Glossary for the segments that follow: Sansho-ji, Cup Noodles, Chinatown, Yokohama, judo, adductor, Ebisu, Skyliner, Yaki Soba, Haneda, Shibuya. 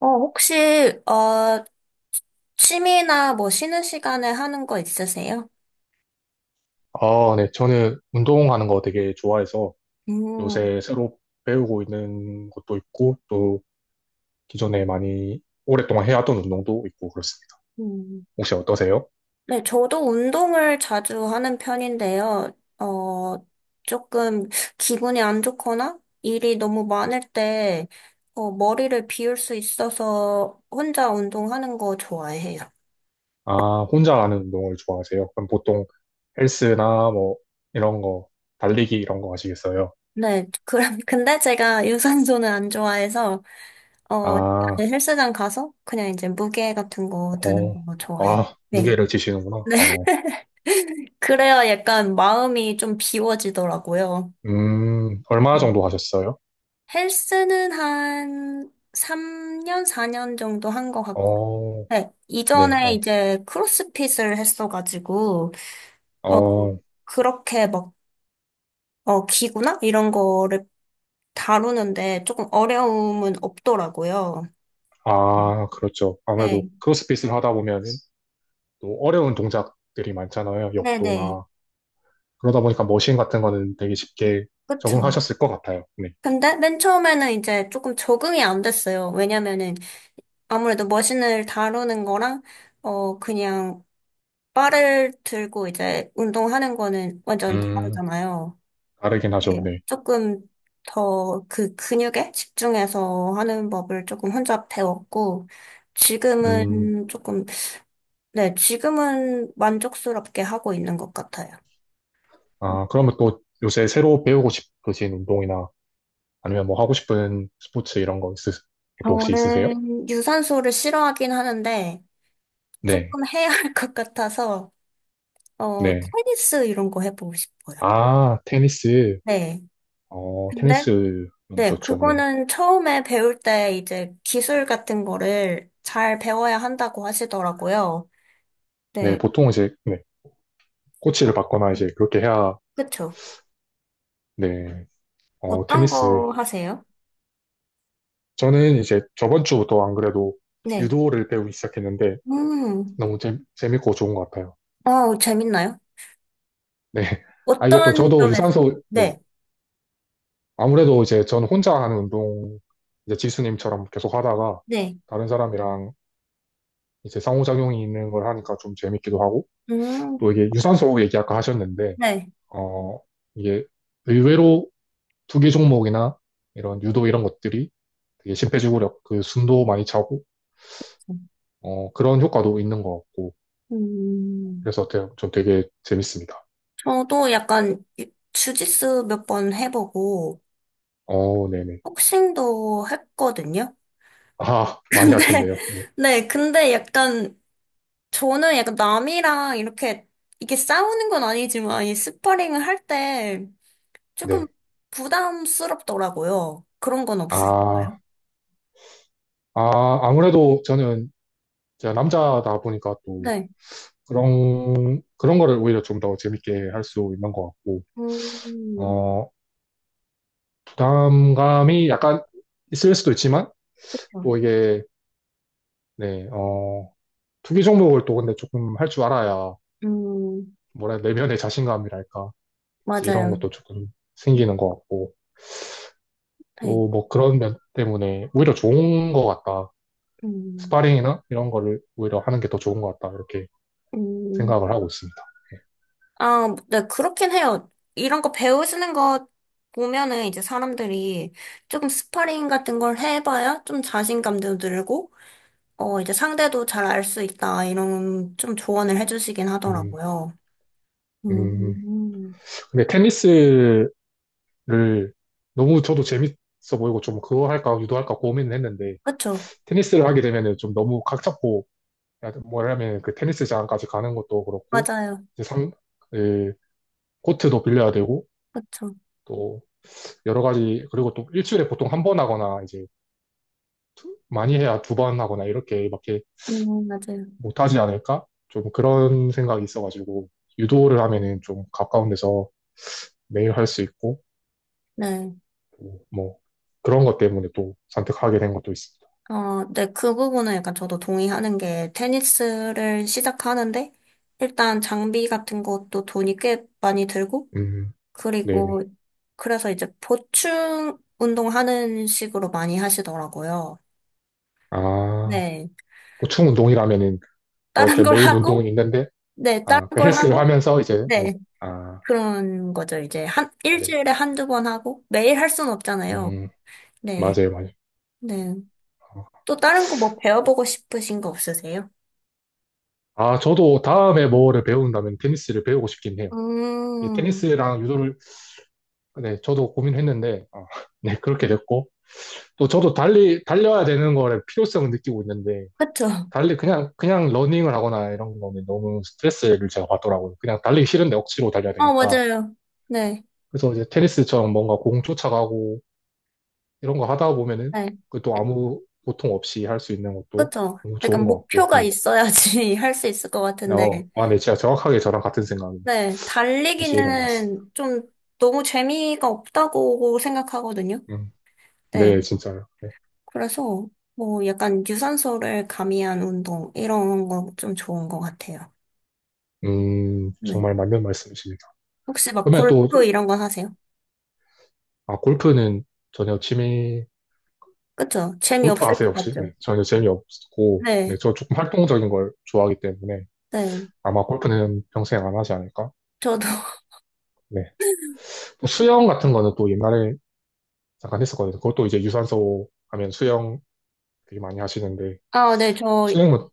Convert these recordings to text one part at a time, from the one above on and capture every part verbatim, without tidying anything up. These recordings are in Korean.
어, 혹시, 어, 취미나 뭐 쉬는 시간에 하는 거 있으세요? 아, 네. 저는 운동하는 거 되게 좋아해서 음. 요새 새로 배우고 있는 것도 있고 또 기존에 많이 오랫동안 해왔던 운동도 있고 그렇습니다. 음. 혹시 어떠세요? 네, 저도 운동을 자주 하는 편인데요. 어, 조금 기분이 안 좋거나 일이 너무 많을 때, 어, 머리를 비울 수 있어서 혼자 운동하는 거 좋아해요. 아, 혼자 하는 운동을 좋아하세요? 그럼 보통 헬스나 뭐 이런 거, 달리기 이런 거 하시겠어요? 네, 그럼, 근데 제가 유산소는 안 좋아해서, 어, 아, 헬스장 가서 그냥 이제 무게 같은 거 드는 어, 거 좋아해요. 아, 네. 무게를 지시는구나. 어, 그래야 약간 마음이 좀 비워지더라고요. 음, 얼마 네. 정도 하셨어요? 헬스는 한 삼 년, 사 년 정도 한 것 같고. 어, 네. 네, 이전에 이제 크로스핏을 했어가지고, 어, 어, 어, 그렇게 막, 어, 기구나? 이런 거를 다루는데 조금 어려움은 없더라고요. 아, 그렇죠. 아무래도 네. 크로스핏을 하다 보면 또 어려운 동작들이 많잖아요. 네네. 역도나. 그러다 보니까 머신 같은 거는 되게 쉽게 그쵸. 적응하셨을 것 같아요. 네. 근데 맨 처음에는 이제 조금 적응이 안 됐어요. 왜냐면은 아무래도 머신을 다루는 거랑, 어, 그냥 바를 들고 이제 운동하는 거는 완전 음, 다르잖아요. 다르긴 하죠. 네. 네. 조금 더 그 근육에 집중해서 하는 법을 조금 혼자 배웠고, 음, 지금은 조금, 네, 지금은 만족스럽게 하고 있는 것 같아요. 아, 그러면 또 요새 새로 배우고 싶으신 운동이나 아니면 뭐 하고 싶은 스포츠 이런 거 있으, 것도 혹시 있으세요? 저는 유산소를 싫어하긴 하는데, 네. 조금 해야 할 것 같아서, 어, 네. 테니스 이런 거 해보고 싶어요. 아, 테니스. 네. 어, 근데 테니스 너무 네, 좋죠. 네. 그거는 처음에 배울 때 이제 기술 같은 거를 잘 배워야 한다고 하시더라고요. 네, 네, 보통 이제, 네. 코치를 받거나 이제 네. 그렇게 해야, 그쵸. 네. 어, 어떤 테니스 거 하세요? 저는 이제 저번 주부터 안 그래도 네. 유도를 배우기 시작했는데 음. 너무 재, 재밌고 좋은 것 같아요. 어, 재밌나요? 네. 아, 이게 또 어떤 저도 점에서? 유산소, 네. 네, 아무래도 이제 저는 혼자 하는 운동, 이제 지수님처럼 계속 하다가 네. 다른 사람이랑 이제 상호작용이 있는 걸 하니까 좀 재밌기도 하고 음. 또 이게 유산소 얘기 아까 하셨는데, 네. 어, 이게 의외로 투기 종목이나 이런 유도 이런 것들이 되게 심폐지구력, 그 숨도 많이 차고, 어, 그런 효과도 있는 것 같고 음. 그래서 되- 좀 되게 재밌습니다. 저도 약간 주짓수 몇 번 해보고, 어, 네네. 복싱도 했거든요. 아, 많이 근데, 하셨네요. 네. 네, 근데 약간 저는 약간 남이랑 이렇게, 이게 싸우는 건 아니지만, 이 스파링을 할 때 조금 네. 부담스럽더라고요. 그런 건 없으신가요? 아, 아, 아무래도 저는 제가 남자다 보니까 또 네. 그런, 그런 거를 오히려 좀 더 재밌게 할 수 있는 것 같고, 음. 어, 부담감이 약간 있을 수도 있지만, 그렇죠. 또 이게, 네, 어, 투기 종목을 또 근데 조금 할 줄 알아야, 음. 뭐라, 해야 내면의 자신감이랄까. 이제 이런 맞아요. 것도 조금 생기는 것 같고, 네. 또 뭐 그런 면 때문에 오히려 좋은 것 같다. 음. 스파링이나 이런 거를 오히려 하는 게 더 좋은 것 같다. 이렇게 음. 생각을 하고 있습니다. 아, 네, 그렇긴 해요. 이런 거 배우시는 거 보면은 이제 사람들이 조금 스파링 같은 걸 해봐야 좀 자신감도 늘고, 어, 이제 상대도 잘 알 수 있다, 이런 좀 조언을 해주시긴 음, 하더라고요. 음. 음. 근데 테니스를 너무 저도 재밌어 보이고 좀 그거 할까 유도할까 고민을 했는데 그쵸. 테니스를 하게 되면은 좀 너무 각 잡고 뭐야하 뭐냐면 그 테니스장까지 가는 것도 그렇고 맞아요. 이제 상, 그 코트도 빌려야 되고 그쵸. 또 여러 가지 그리고 또 일주일에 보통 한 번 하거나 이제 많이 해야 두 번 하거나 이렇게밖에 음. 맞아요. 못하지 않을까? 좀 그런 생각이 있어가지고 유도를 하면은 좀 가까운 데서 매일 할 수 있고 네. 또뭐 그런 것 때문에 또 선택하게 된 것도 있습니다. 어, 네, 그 부분은 약간 저도 동의하는 게 테니스를 시작하는데 일단 장비 같은 것도 돈이 꽤 많이 들고 음, 그리고 네네. 그래서 이제 보충 운동하는 식으로 많이 하시더라고요. 아, 네. 보충 운동이라면은 뭐 다른 그 걸 메인 운동은 하고, 있는데 네, 다른 아, 그 걸 헬스를 하고, 하면서 이제 네. 네. 아, 그런 거죠. 이제 한, 맞아요. 일주일에 한두 번 하고 매일 할 순 없잖아요. 음, 네. 맞아요, 맞아요. 네. 또 다른 거 뭐 배워보고 싶으신 거 없으세요? 아, 저도 다음에 뭐를 배운다면 테니스를 배우고 싶긴 해요. 이 음. 테니스랑 유도를 네, 저도 고민했는데 아, 네, 그렇게 됐고 또 저도 달리, 달려야 되는 거에 필요성을 느끼고 있는데, 그쵸. 달리 그냥, 그냥 러닝을 하거나 이런 거는 너무 스트레스를 제가 받더라고요. 그냥 달리기 싫은데 억지로 달려야 어, 되니까. 맞아요. 네, 그래서 이제 테니스처럼 뭔가 공 쫓아가고 이런 거 하다 보면은 네. 그것도 아무 고통 없이 할 수 있는 것도 그쵸. 너무 약간 좋은 것 같고, 목표가 네. 있어야지 할 수 있을 것 같은데. 어, 아, 네, 진짜 정확하게 저랑 같은 생각이 네, 계시는 것 같습니다. 달리기는 좀 너무 재미가 없다고 생각하거든요. 음, 네, 네, 진짜요. 네. 그래서 뭐 약간 유산소를 가미한 운동, 이런 거 좀 좋은 것 같아요. 음, 네. 정말 맞는 말씀이십니다. 혹시 막 그러면 또, 골프 이런 거 하세요? 아, 골프는 전혀 취미 그쵸. 골프 재미없을 아세요, 것 혹시? 같죠. 네, 전혀 재미없고, 네, 네, 저 조금 활동적인 걸 좋아하기 때문에 네. 아마 골프는 평생 안 하지 않을까? 저도 네. 또 수영 같은 거는 또 옛날에 잠깐 했었거든요. 그것도 이제 유산소 하면 수영 되게 많이 하시는데, 아, 네, 저 수영은,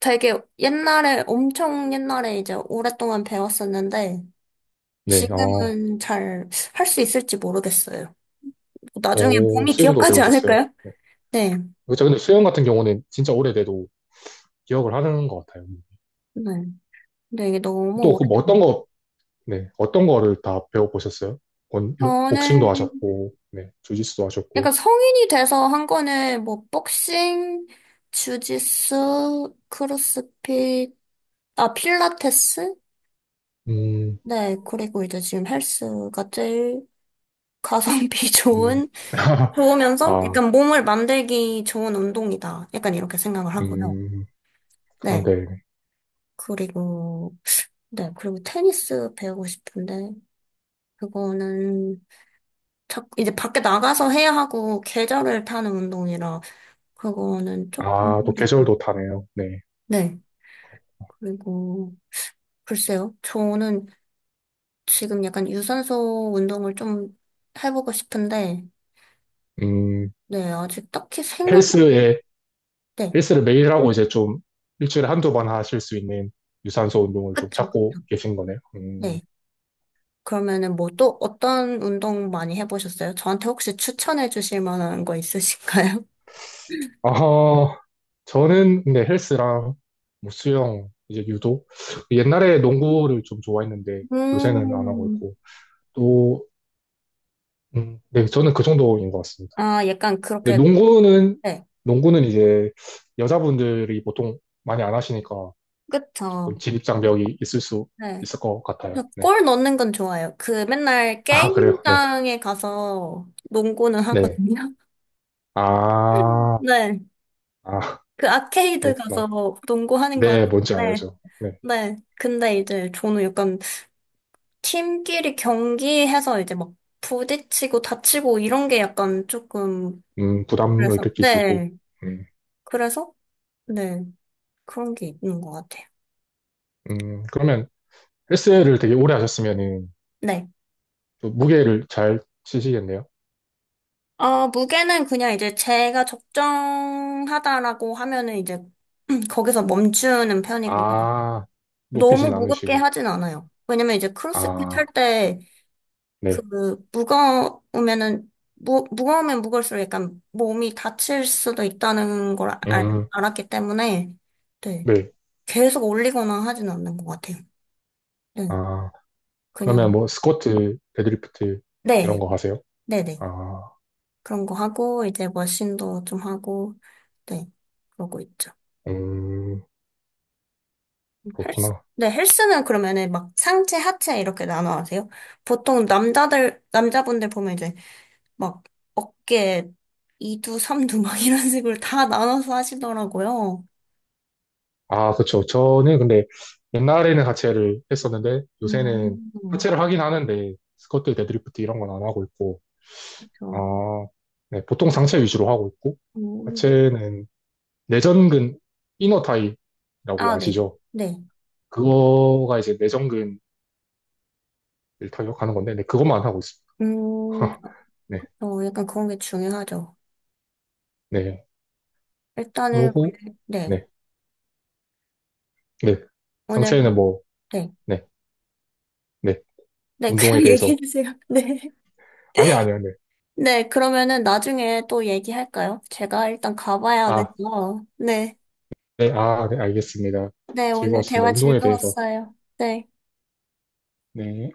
되게 옛날에, 엄청 옛날에 이제 오랫동안 배웠었는데, 네, 어, 지금은 잘 할 수 있을지 모르겠어요. 나중에 오, 몸이 수영도 기억하지 배우셨어요. 않을까요? 네. 네. 그렇죠. 근데 수영 같은 경우는 진짜 오래돼도 기억을 하는 것 같아요. 네. 근데 이게 너무 또, 그뭐 어떤 오랫동안. 거, 네, 어떤 거를 다 배워보셨어요? 권- 저는 복싱도 하셨고, 네, 주짓수도 약간 하셨고, 성인이 돼서 한 거는 뭐, 복싱, 주짓수, 크로스핏, 아, 필라테스? 음, 네. 그리고 이제 지금 헬스가 제일 가성비 음. 좋은 좋으면서 아, 약간 몸을 만들기 좋은 운동이다. 약간 이렇게 생각을 하고요. 음. 네. 그런데, 그리고, 네. 그리고 테니스 배우고 싶은데, 그거는 자, 이제 밖에 나가서 해야 하고, 계절을 타는 운동이라, 그거는 조금, 아, 또 계절도 타네요. 네. 네. 그리고, 글쎄요. 저는 지금 약간 유산소 운동을 좀 해보고 싶은데, 음, 네. 아직 딱히 생각, 헬스에, 네. 헬스를 매일 하고 이제 좀 일주일에 한두 번 하실 수 있는 유산소 운동을 좀 그쵸, 찾고 그쵸. 계신 거네요. 음, 네. 그러면은 뭐 또 어떤 운동 많이 해보셨어요? 저한테 혹시 추천해 주실 만한 거 있으실까요? 아, 저는 근데 헬스랑 뭐 수영, 이제 유도. 옛날에 농구를 좀 좋아했는데 요새는 안 하고 음. 있고 또, 음, 네, 저는 그 정도인 것 같습니다. 아, 약간 근데 그렇게, 농구는, 네. 농구는 이제 여자분들이 보통 많이 안 하시니까 조금 그쵸. 진입장벽이 있을 수 네. 있을 것 같아요. 네. 저골 넣는 건 좋아요. 그 맨날 아, 그래요? 네. 게임장에 가서 농구는 네. 하거든요. 아, 네. 아, 그 아케이드 가서 그렇구나. 농구하는 건, 네, 뭔지 네. 알죠. 네. 네. 근데 이제 저는 약간 팀끼리 경기해서 이제 막 부딪히고 다치고 이런 게 약간 조금, 음, 부담을 그래서, 느끼시고. 네. 음, 그래서, 네, 그런 게 있는 것 같아요. 음, 그러면 헬스를 되게 오래 하셨으면은 네. 또 무게를 잘 치시겠네요. 어, 무게는 그냥 이제 제가 적정하다라고 하면은 이제 거기서 멈추는 편이고요. 아, 너무 높이진 무겁게 않으시고. 하진 않아요. 왜냐면 이제 크로스핏 할 아, 때 그 네. 무거우면은 무, 무거우면 무거울수록 약간 몸이 다칠 수도 있다는 걸 알, 음, 알았기 때문에 네. 네. 계속 올리거나 하진 않는 것 같아요. 네. 아. 그러면 그냥 뭐 스쿼트, 데드리프트 네. 이런 거 하세요? 네네. 아, 그런 거 하고, 이제 머신도 좀 하고, 네, 그러고 있죠. 음, 헬스, 그렇구나. 네, 헬스는 그러면은 막 상체, 하체 이렇게 나눠 하세요? 보통 남자들, 남자분들 보면 이제 막 어깨 이 두, 삼 두 막 이런 식으로 다 나눠서 하시더라고요. 아, 그렇죠. 저는 근데 옛날에는 하체를 했었는데 요새는 음. 하체를 하긴 하는데 스쿼트, 데드리프트 이런 건 안 하고 있고, 아, 그렇죠. 네, 보통 상체 위주로 하고 있고, 음. 하체는 내전근 이너타이라고 아, 네. 아시죠? 네. 그거가 이제 내전근을 타격하는 건데, 네, 그것만 하고 있습니다. 음. 네, 어, 약간 그런 게 중요하죠. 네. 일단은 그러고, 오늘, 네. 네, 네. 오늘, 상체는 뭐, 네. 네. 네, 네, 운동에 그냥 대해서. 얘기해주세요. 네. 아니, 아니요, 네. 네, 그러면은 나중에 또 얘기할까요? 제가 일단 가봐야 아, 돼서. 네. 네, 아, 네, 알겠습니다. 네, 오늘 즐거웠습니다. 대화 운동에 대해서. 즐거웠어요. 네. 네.